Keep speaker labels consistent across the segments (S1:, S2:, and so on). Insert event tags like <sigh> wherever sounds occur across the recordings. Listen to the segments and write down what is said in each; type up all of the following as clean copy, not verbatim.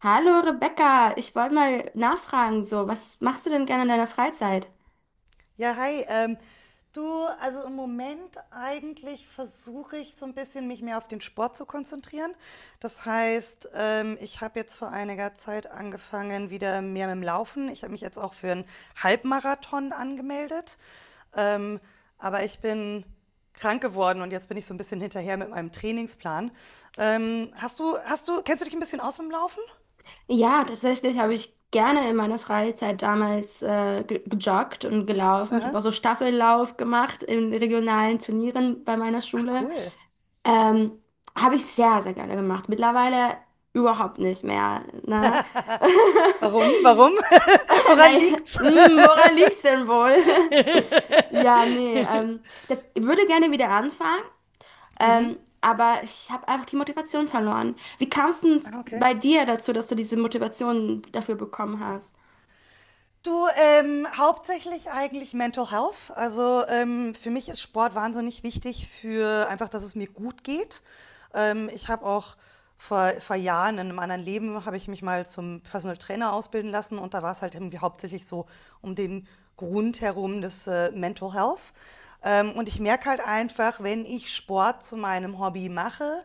S1: Hallo Rebecca, ich wollte mal nachfragen, so, was machst du denn gerne in deiner Freizeit?
S2: Ja, hi. Du, also im Moment eigentlich versuche ich so ein bisschen, mich mehr auf den Sport zu konzentrieren. Das heißt, ich habe jetzt vor einiger Zeit angefangen, wieder mehr mit dem Laufen. Ich habe mich jetzt auch für einen Halbmarathon angemeldet. Ähm, aber ich bin krank geworden und jetzt bin ich so ein bisschen hinterher mit meinem Trainingsplan. Kennst du dich ein bisschen aus mit dem Laufen?
S1: Ja, tatsächlich habe ich gerne in meiner Freizeit damals gejoggt und gelaufen. Ich habe auch
S2: Aha.
S1: so Staffellauf gemacht in regionalen Turnieren bei meiner
S2: Ach,
S1: Schule.
S2: cool.
S1: Ähm, habe ich sehr, sehr gerne gemacht. Mittlerweile überhaupt nicht mehr, ne?
S2: <laughs> Warum?
S1: <laughs>
S2: Warum? <laughs> Woran
S1: Nein,
S2: liegt's?
S1: mm, woran liegt's denn wohl? <laughs> Ja, nee,
S2: <laughs>
S1: das ich würde gerne wieder anfangen.
S2: Mhm.
S1: Aber ich habe einfach die Motivation verloren. Wie kam es denn
S2: Ah, okay.
S1: bei dir dazu, dass du diese Motivation dafür bekommen hast?
S2: Du, hauptsächlich eigentlich Mental Health. Also für mich ist Sport wahnsinnig wichtig für einfach, dass es mir gut geht. Ich habe auch vor, vor Jahren in einem anderen Leben habe ich mich mal zum Personal Trainer ausbilden lassen, und da war es halt irgendwie hauptsächlich so um den Grund herum des Mental Health. Und ich merke halt einfach, wenn ich Sport zu meinem Hobby mache,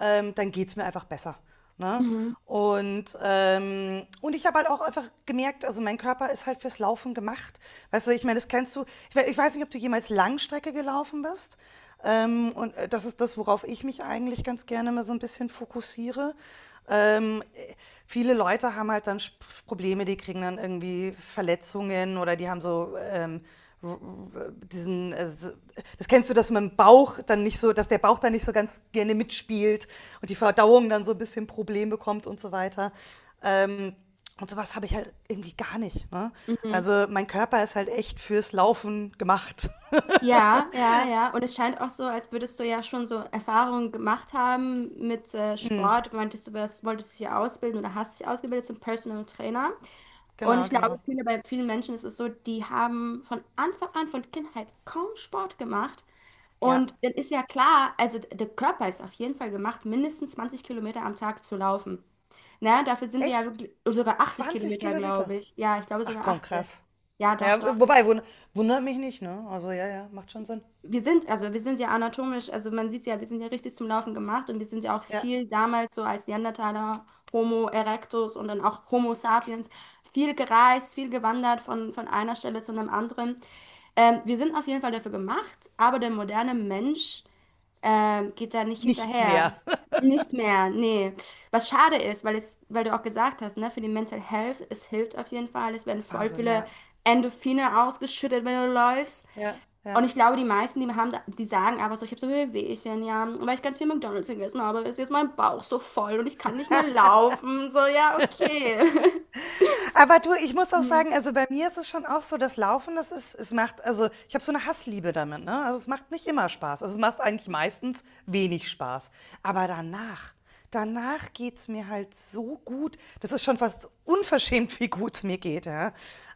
S2: dann geht es mir einfach besser. Ne?
S1: Mhm.
S2: Und ich habe halt auch einfach gemerkt, also mein Körper ist halt fürs Laufen gemacht. Weißt du, ich meine, das kennst du. Ich weiß nicht, ob du jemals Langstrecke gelaufen bist. Das ist das, worauf ich mich eigentlich ganz gerne mal so ein bisschen fokussiere. Ähm, äh, Viele Leute haben halt dann Probleme, die kriegen dann irgendwie Verletzungen oder die haben so diesen, so, das kennst du, dass man Bauch dann nicht so, dass der Bauch dann nicht so ganz gerne mitspielt und die Verdauung dann so ein bisschen Problem bekommt und so weiter. Ähm, und sowas habe ich halt irgendwie gar nicht. Ne?
S1: Mhm.
S2: Also mein Körper ist halt echt fürs Laufen gemacht. <laughs>
S1: Ja, ja, ja. Und es scheint auch so, als würdest du ja schon so Erfahrungen gemacht haben mit
S2: Mhm,
S1: Sport. Meintest du, das wolltest dich ja ausbilden oder hast dich ausgebildet zum Personal Trainer. Und ich
S2: genau,
S1: glaube,
S2: genau.
S1: viele, bei vielen Menschen ist es so, die haben von Anfang an, von Kindheit kaum Sport gemacht.
S2: Ja,
S1: Und dann ist ja klar, also der Körper ist auf jeden Fall gemacht, mindestens 20 Kilometer am Tag zu laufen. Na, dafür sind wir ja
S2: echt?
S1: wirklich, oh, sogar 80
S2: 20
S1: Kilometer,
S2: Kilometer?
S1: glaube ich. Ja, ich glaube
S2: Ach
S1: sogar
S2: komm, krass.
S1: 80. Ja, doch, doch.
S2: Ja, wobei, wundert mich nicht, ne? Also ja, ja, macht schon Sinn.
S1: Wir sind, also wir sind ja anatomisch, also man sieht ja, wir sind ja richtig zum Laufen gemacht und wir sind ja auch
S2: Ja,
S1: viel damals so als Neandertaler, Homo erectus und dann auch Homo sapiens, viel gereist, viel gewandert von einer Stelle zu einem anderen. Wir sind auf jeden Fall dafür gemacht, aber der moderne Mensch geht da nicht
S2: nicht
S1: hinterher.
S2: mehr.
S1: Nicht mehr, nee. Was schade ist, weil es, weil du auch gesagt hast, ne, für die Mental Health, es hilft auf jeden Fall. Es
S2: <laughs>
S1: werden
S2: Das ist
S1: voll
S2: Wahnsinn,
S1: viele
S2: ja.
S1: Endorphine ausgeschüttet, wenn du läufst.
S2: Ja,
S1: Und
S2: ja.
S1: ich glaube, die meisten, die haben, die sagen aber so, ich habe so Wehwehchen, ja, weil ich ganz viel McDonald's gegessen habe, ist jetzt mein Bauch so voll und ich kann nicht mehr laufen. So, ja, okay. <laughs>
S2: Aber du, ich muss auch
S1: Mhm.
S2: sagen, also bei mir ist es schon auch so, das Laufen, das ist, es macht, also ich habe so eine Hassliebe damit, ne? Also es macht nicht immer Spaß. Also es macht eigentlich meistens wenig Spaß. Aber danach, danach geht's mir halt so gut. Das ist schon fast unverschämt, wie gut es mir geht, ja.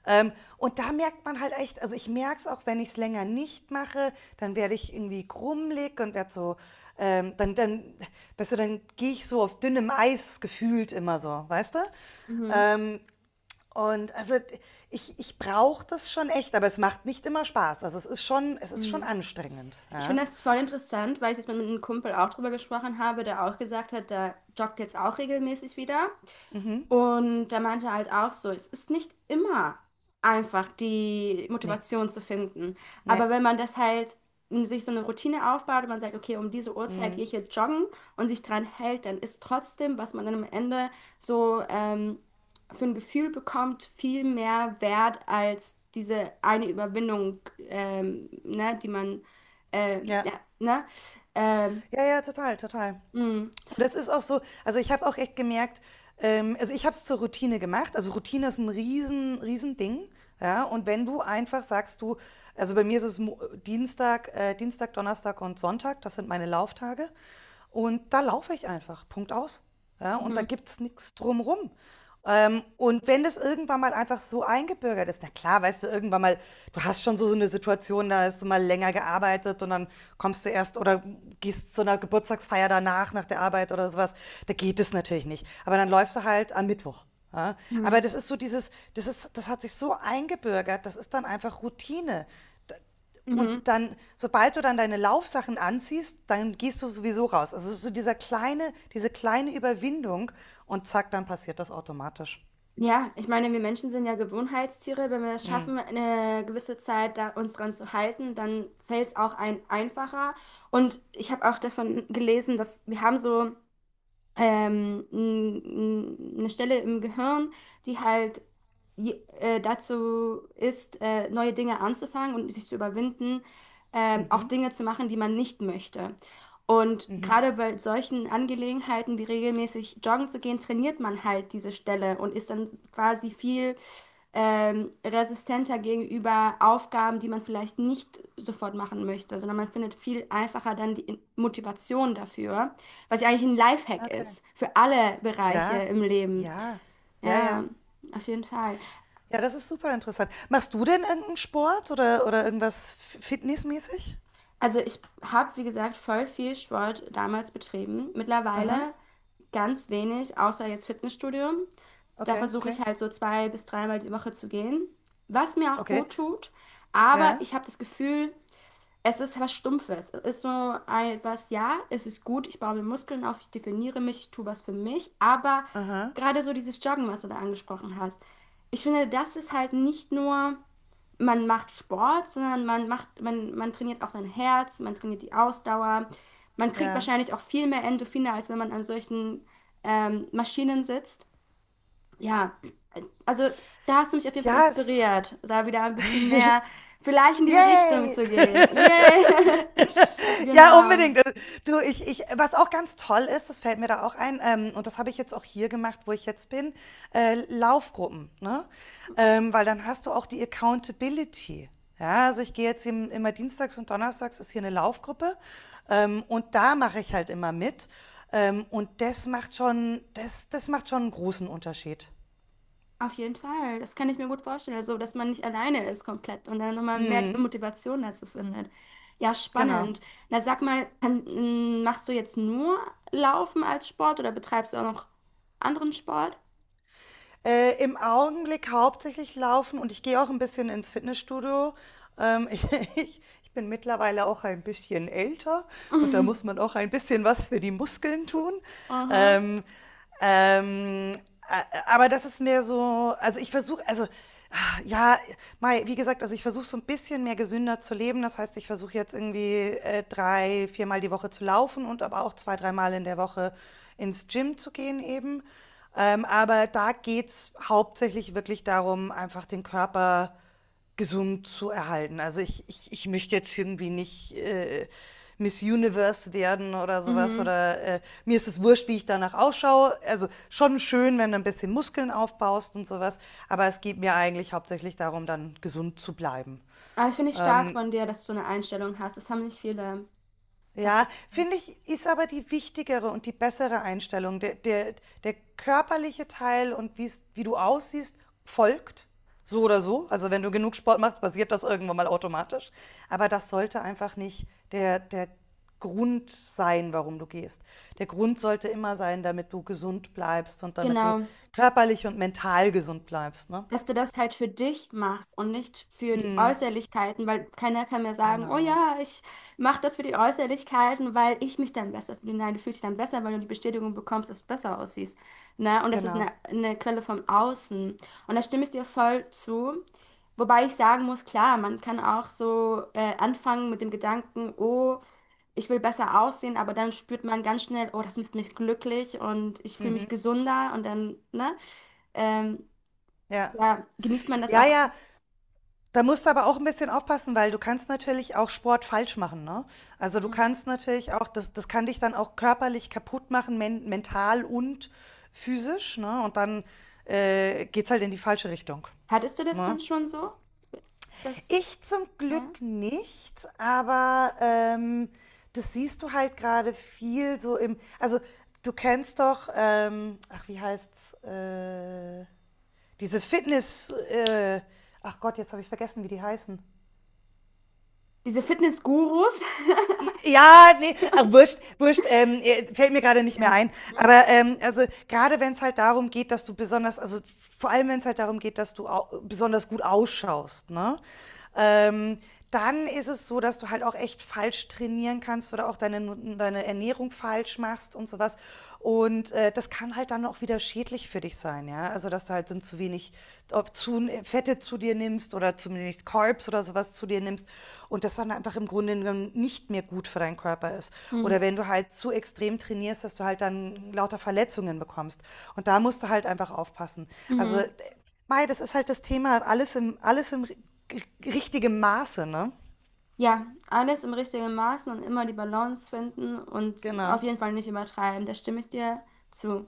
S2: Ähm, und da merkt man halt echt, also ich merke es auch, wenn ich es länger nicht mache, dann werde ich irgendwie krummelig und werde so, ähm, dann, dann, weißt du, dann gehe ich so auf dünnem Eis gefühlt immer so, weißt du?
S1: Mhm.
S2: Ähm, und also ich brauche das schon echt, aber es macht nicht immer Spaß. Also, es ist schon
S1: Mhm.
S2: anstrengend,
S1: Ich
S2: ja.
S1: finde das voll interessant, weil ich jetzt mit einem Kumpel auch drüber gesprochen habe, der auch gesagt hat, der joggt jetzt auch regelmäßig wieder.
S2: Mhm.
S1: Und der meinte halt auch so, es ist nicht immer einfach, die
S2: Ne,
S1: Motivation zu finden.
S2: ne.
S1: Aber wenn man das halt in sich so eine Routine aufbaut und man sagt, okay, um diese Uhrzeit gehe
S2: Mhm.
S1: ich jetzt joggen und sich dran hält, dann ist trotzdem, was man dann am Ende so für ein Gefühl bekommt, viel mehr wert als diese eine Überwindung, ne, die man,
S2: Ja.
S1: ja, ne, ähm,
S2: Ja, ja, total, total.
S1: mm,
S2: Und das ist auch so, also, ich habe auch echt gemerkt, also, ich habe es zur Routine gemacht. Also, Routine ist ein riesen riesen Ding. Ja? Und wenn du einfach sagst, du, also, bei mir ist es Mo Dienstag Dienstag, Donnerstag und Sonntag, das sind meine Lauftage. Und da laufe ich einfach, Punkt aus. Ja, und da
S1: mm,
S2: gibt es nichts drumrum. Und wenn das irgendwann mal einfach so eingebürgert ist, na klar, weißt du, irgendwann mal, du hast schon so, so eine Situation, da hast du mal länger gearbeitet, und dann kommst du erst oder gehst zu einer Geburtstagsfeier danach, nach der Arbeit oder sowas, da geht es natürlich nicht. Aber dann läufst du halt am Mittwoch. Ja?
S1: mm,
S2: Aber das ist so dieses, das ist, das hat sich so eingebürgert, das ist dann einfach Routine. Und
S1: mm.
S2: dann, sobald du dann deine Laufsachen anziehst, dann gehst du sowieso raus. Also so dieser kleine, diese kleine Überwindung, und zack, dann passiert das automatisch.
S1: Ja, ich meine, wir Menschen sind ja Gewohnheitstiere. Wenn wir es
S2: Mhm.
S1: schaffen, eine gewisse Zeit da uns dran zu halten, dann fällt es auch ein einfacher. Und ich habe auch davon gelesen, dass wir haben so eine Stelle im Gehirn, die halt dazu ist, neue Dinge anzufangen und sich zu überwinden, auch
S2: Mhm.
S1: Dinge zu machen, die man nicht möchte. Und
S2: Mhm.
S1: gerade bei solchen Angelegenheiten wie regelmäßig joggen zu gehen, trainiert man halt diese Stelle und ist dann quasi viel resistenter gegenüber Aufgaben, die man vielleicht nicht sofort machen möchte, sondern man findet viel einfacher dann die Motivation dafür. Was ja eigentlich ein Lifehack
S2: Okay.
S1: ist für alle Bereiche
S2: Ja,
S1: im Leben.
S2: ja, ja,
S1: Ja,
S2: ja.
S1: auf jeden Fall.
S2: Ja, das ist super interessant. Machst du denn irgendeinen Sport oder irgendwas fitnessmäßig?
S1: Also ich habe, wie gesagt, voll viel Sport damals betrieben.
S2: Aha.
S1: Mittlerweile ganz wenig, außer jetzt Fitnessstudio. Da
S2: Okay,
S1: versuche
S2: okay.
S1: ich halt so zwei bis dreimal die Woche zu gehen, was mir auch
S2: Okay.
S1: gut tut. Aber
S2: Ja.
S1: ich habe das Gefühl, es ist was Stumpfes. Es ist so ein, was, ja, es ist gut, ich baue mir Muskeln auf, ich definiere mich, ich tue was für mich, aber
S2: Aha.
S1: gerade so dieses Joggen, was du da angesprochen hast, ich finde, das ist halt nicht nur, man macht Sport, sondern man macht, man trainiert auch sein Herz, man trainiert die Ausdauer, man kriegt
S2: Ja.
S1: wahrscheinlich auch viel mehr Endorphine, als wenn man an solchen Maschinen sitzt. Ja, also da hast du mich auf jeden Fall
S2: Ja, es,
S1: inspiriert, da wieder ein bisschen mehr vielleicht in diese Richtung
S2: Yay!
S1: zu gehen.
S2: <laughs>
S1: Yay! <laughs>
S2: Ja,
S1: Genau.
S2: unbedingt. Du, ich was auch ganz toll ist, das fällt mir da auch ein, und das habe ich jetzt auch hier gemacht, wo ich jetzt bin, Laufgruppen, ne? Weil dann hast du auch die Accountability. Ja, also ich gehe jetzt im immer dienstags, und donnerstags ist hier eine Laufgruppe, und da mache ich halt immer mit. Und das macht schon, das macht schon einen großen Unterschied.
S1: Auf jeden Fall. Das kann ich mir gut vorstellen. Also, dass man nicht alleine ist komplett und dann nochmal mehr die
S2: Mhm,
S1: Motivation dazu findet. Ja,
S2: genau.
S1: spannend. Na, sag mal, kann, m, machst du jetzt nur Laufen als Sport oder betreibst du auch noch anderen Sport?
S2: Im Augenblick hauptsächlich laufen, und ich gehe auch ein bisschen ins Fitnessstudio. Ähm, <laughs> ich ich bin mittlerweile auch ein bisschen älter
S1: <laughs>
S2: und da
S1: Mhm.
S2: muss man auch ein bisschen was für die Muskeln tun.
S1: Aha.
S2: Ähm, ähm, a- aber das ist mehr so, also ich versuche, also ah, ja, wie gesagt, also ich versuche so ein bisschen mehr gesünder zu leben. Das heißt, ich versuche jetzt irgendwie drei, viermal die Woche zu laufen und aber auch zwei, dreimal in der Woche ins Gym zu gehen eben. Aber da geht es hauptsächlich wirklich darum, einfach den Körper gesund zu erhalten. Also, ich möchte jetzt irgendwie nicht, Miss Universe werden oder sowas,
S1: Mhm.
S2: oder, mir ist es wurscht, wie ich danach ausschaue. Also, schon schön, wenn du ein bisschen Muskeln aufbaust und sowas, aber es geht mir eigentlich hauptsächlich darum, dann gesund zu bleiben.
S1: Aber ich finde ich stark
S2: Ähm
S1: von dir, dass du eine Einstellung hast. Das haben nicht viele
S2: Ja,
S1: tatsächlich.
S2: finde ich, ist aber die wichtigere und die bessere Einstellung. Der körperliche Teil und wie's, wie du aussiehst, folgt so oder so. Also wenn du genug Sport machst, passiert das irgendwann mal automatisch. Aber das sollte einfach nicht der Grund sein, warum du gehst. Der Grund sollte immer sein, damit du gesund bleibst und damit du
S1: Genau,
S2: körperlich und mental gesund bleibst, ne?
S1: dass du das halt für dich machst und nicht für die
S2: Mhm.
S1: Äußerlichkeiten, weil keiner kann mir sagen, oh
S2: Genau,
S1: ja, ich mache das für die Äußerlichkeiten, weil ich mich dann besser fühle. Nein, du fühlst dich dann besser, weil du die Bestätigung bekommst, dass du besser aussiehst. Ne? Und das ist
S2: genau.
S1: eine Quelle vom Außen. Und da stimme ich dir voll zu. Wobei ich sagen muss, klar, man kann auch so anfangen mit dem Gedanken, oh, ich will besser aussehen, aber dann spürt man ganz schnell, oh, das macht mich glücklich und ich fühle
S2: Mhm.
S1: mich gesünder und dann, ne? Ähm,
S2: Ja.
S1: ja, genießt man das
S2: Ja,
S1: auch an?
S2: ja, da musst du aber auch ein bisschen aufpassen, weil du kannst natürlich auch Sport falsch machen, ne? Also, du
S1: Mhm.
S2: kannst natürlich auch das, das kann dich dann auch körperlich kaputt machen, mental und physisch, ne? Und dann, geht's halt in die falsche Richtung,
S1: Hattest du das
S2: ne?
S1: dann schon so? Das,
S2: Ich zum
S1: ja?
S2: Glück nicht, aber, das siehst du halt gerade viel so im, also, du kennst doch, ach, wie heißt's? Diese Fitness ach Gott, jetzt habe ich vergessen, wie die heißen.
S1: Diese Fitness-Gurus? <laughs>
S2: Ja, ne, ach, wurscht, wurscht, fällt mir gerade nicht mehr
S1: Ja.
S2: ein.
S1: Mhm.
S2: Aber, also, gerade wenn es halt darum geht, dass du besonders, also, vor allem wenn es halt darum geht, dass du au besonders gut ausschaust, ne? Ähm, Dann ist es so, dass du halt auch echt falsch trainieren kannst oder auch deine nu deine Ernährung falsch machst und sowas. Und, das kann halt dann auch wieder schädlich für dich sein, ja. Also, dass du halt dann zu wenig, Fette zu dir nimmst oder zu wenig Carbs oder sowas zu dir nimmst, und das dann einfach im Grunde genommen nicht mehr gut für deinen Körper ist.
S1: Mhm.
S2: Oder wenn du halt zu extrem trainierst, dass du halt dann lauter Verletzungen bekommst. Und da musst du halt einfach aufpassen. Also,
S1: Mhm.
S2: Das ist halt das Thema, alles im richtigen Maße, ne?
S1: Ja, alles im richtigen Maßen und immer die Balance finden und auf
S2: Genau.
S1: jeden Fall nicht übertreiben. Da stimme ich dir zu.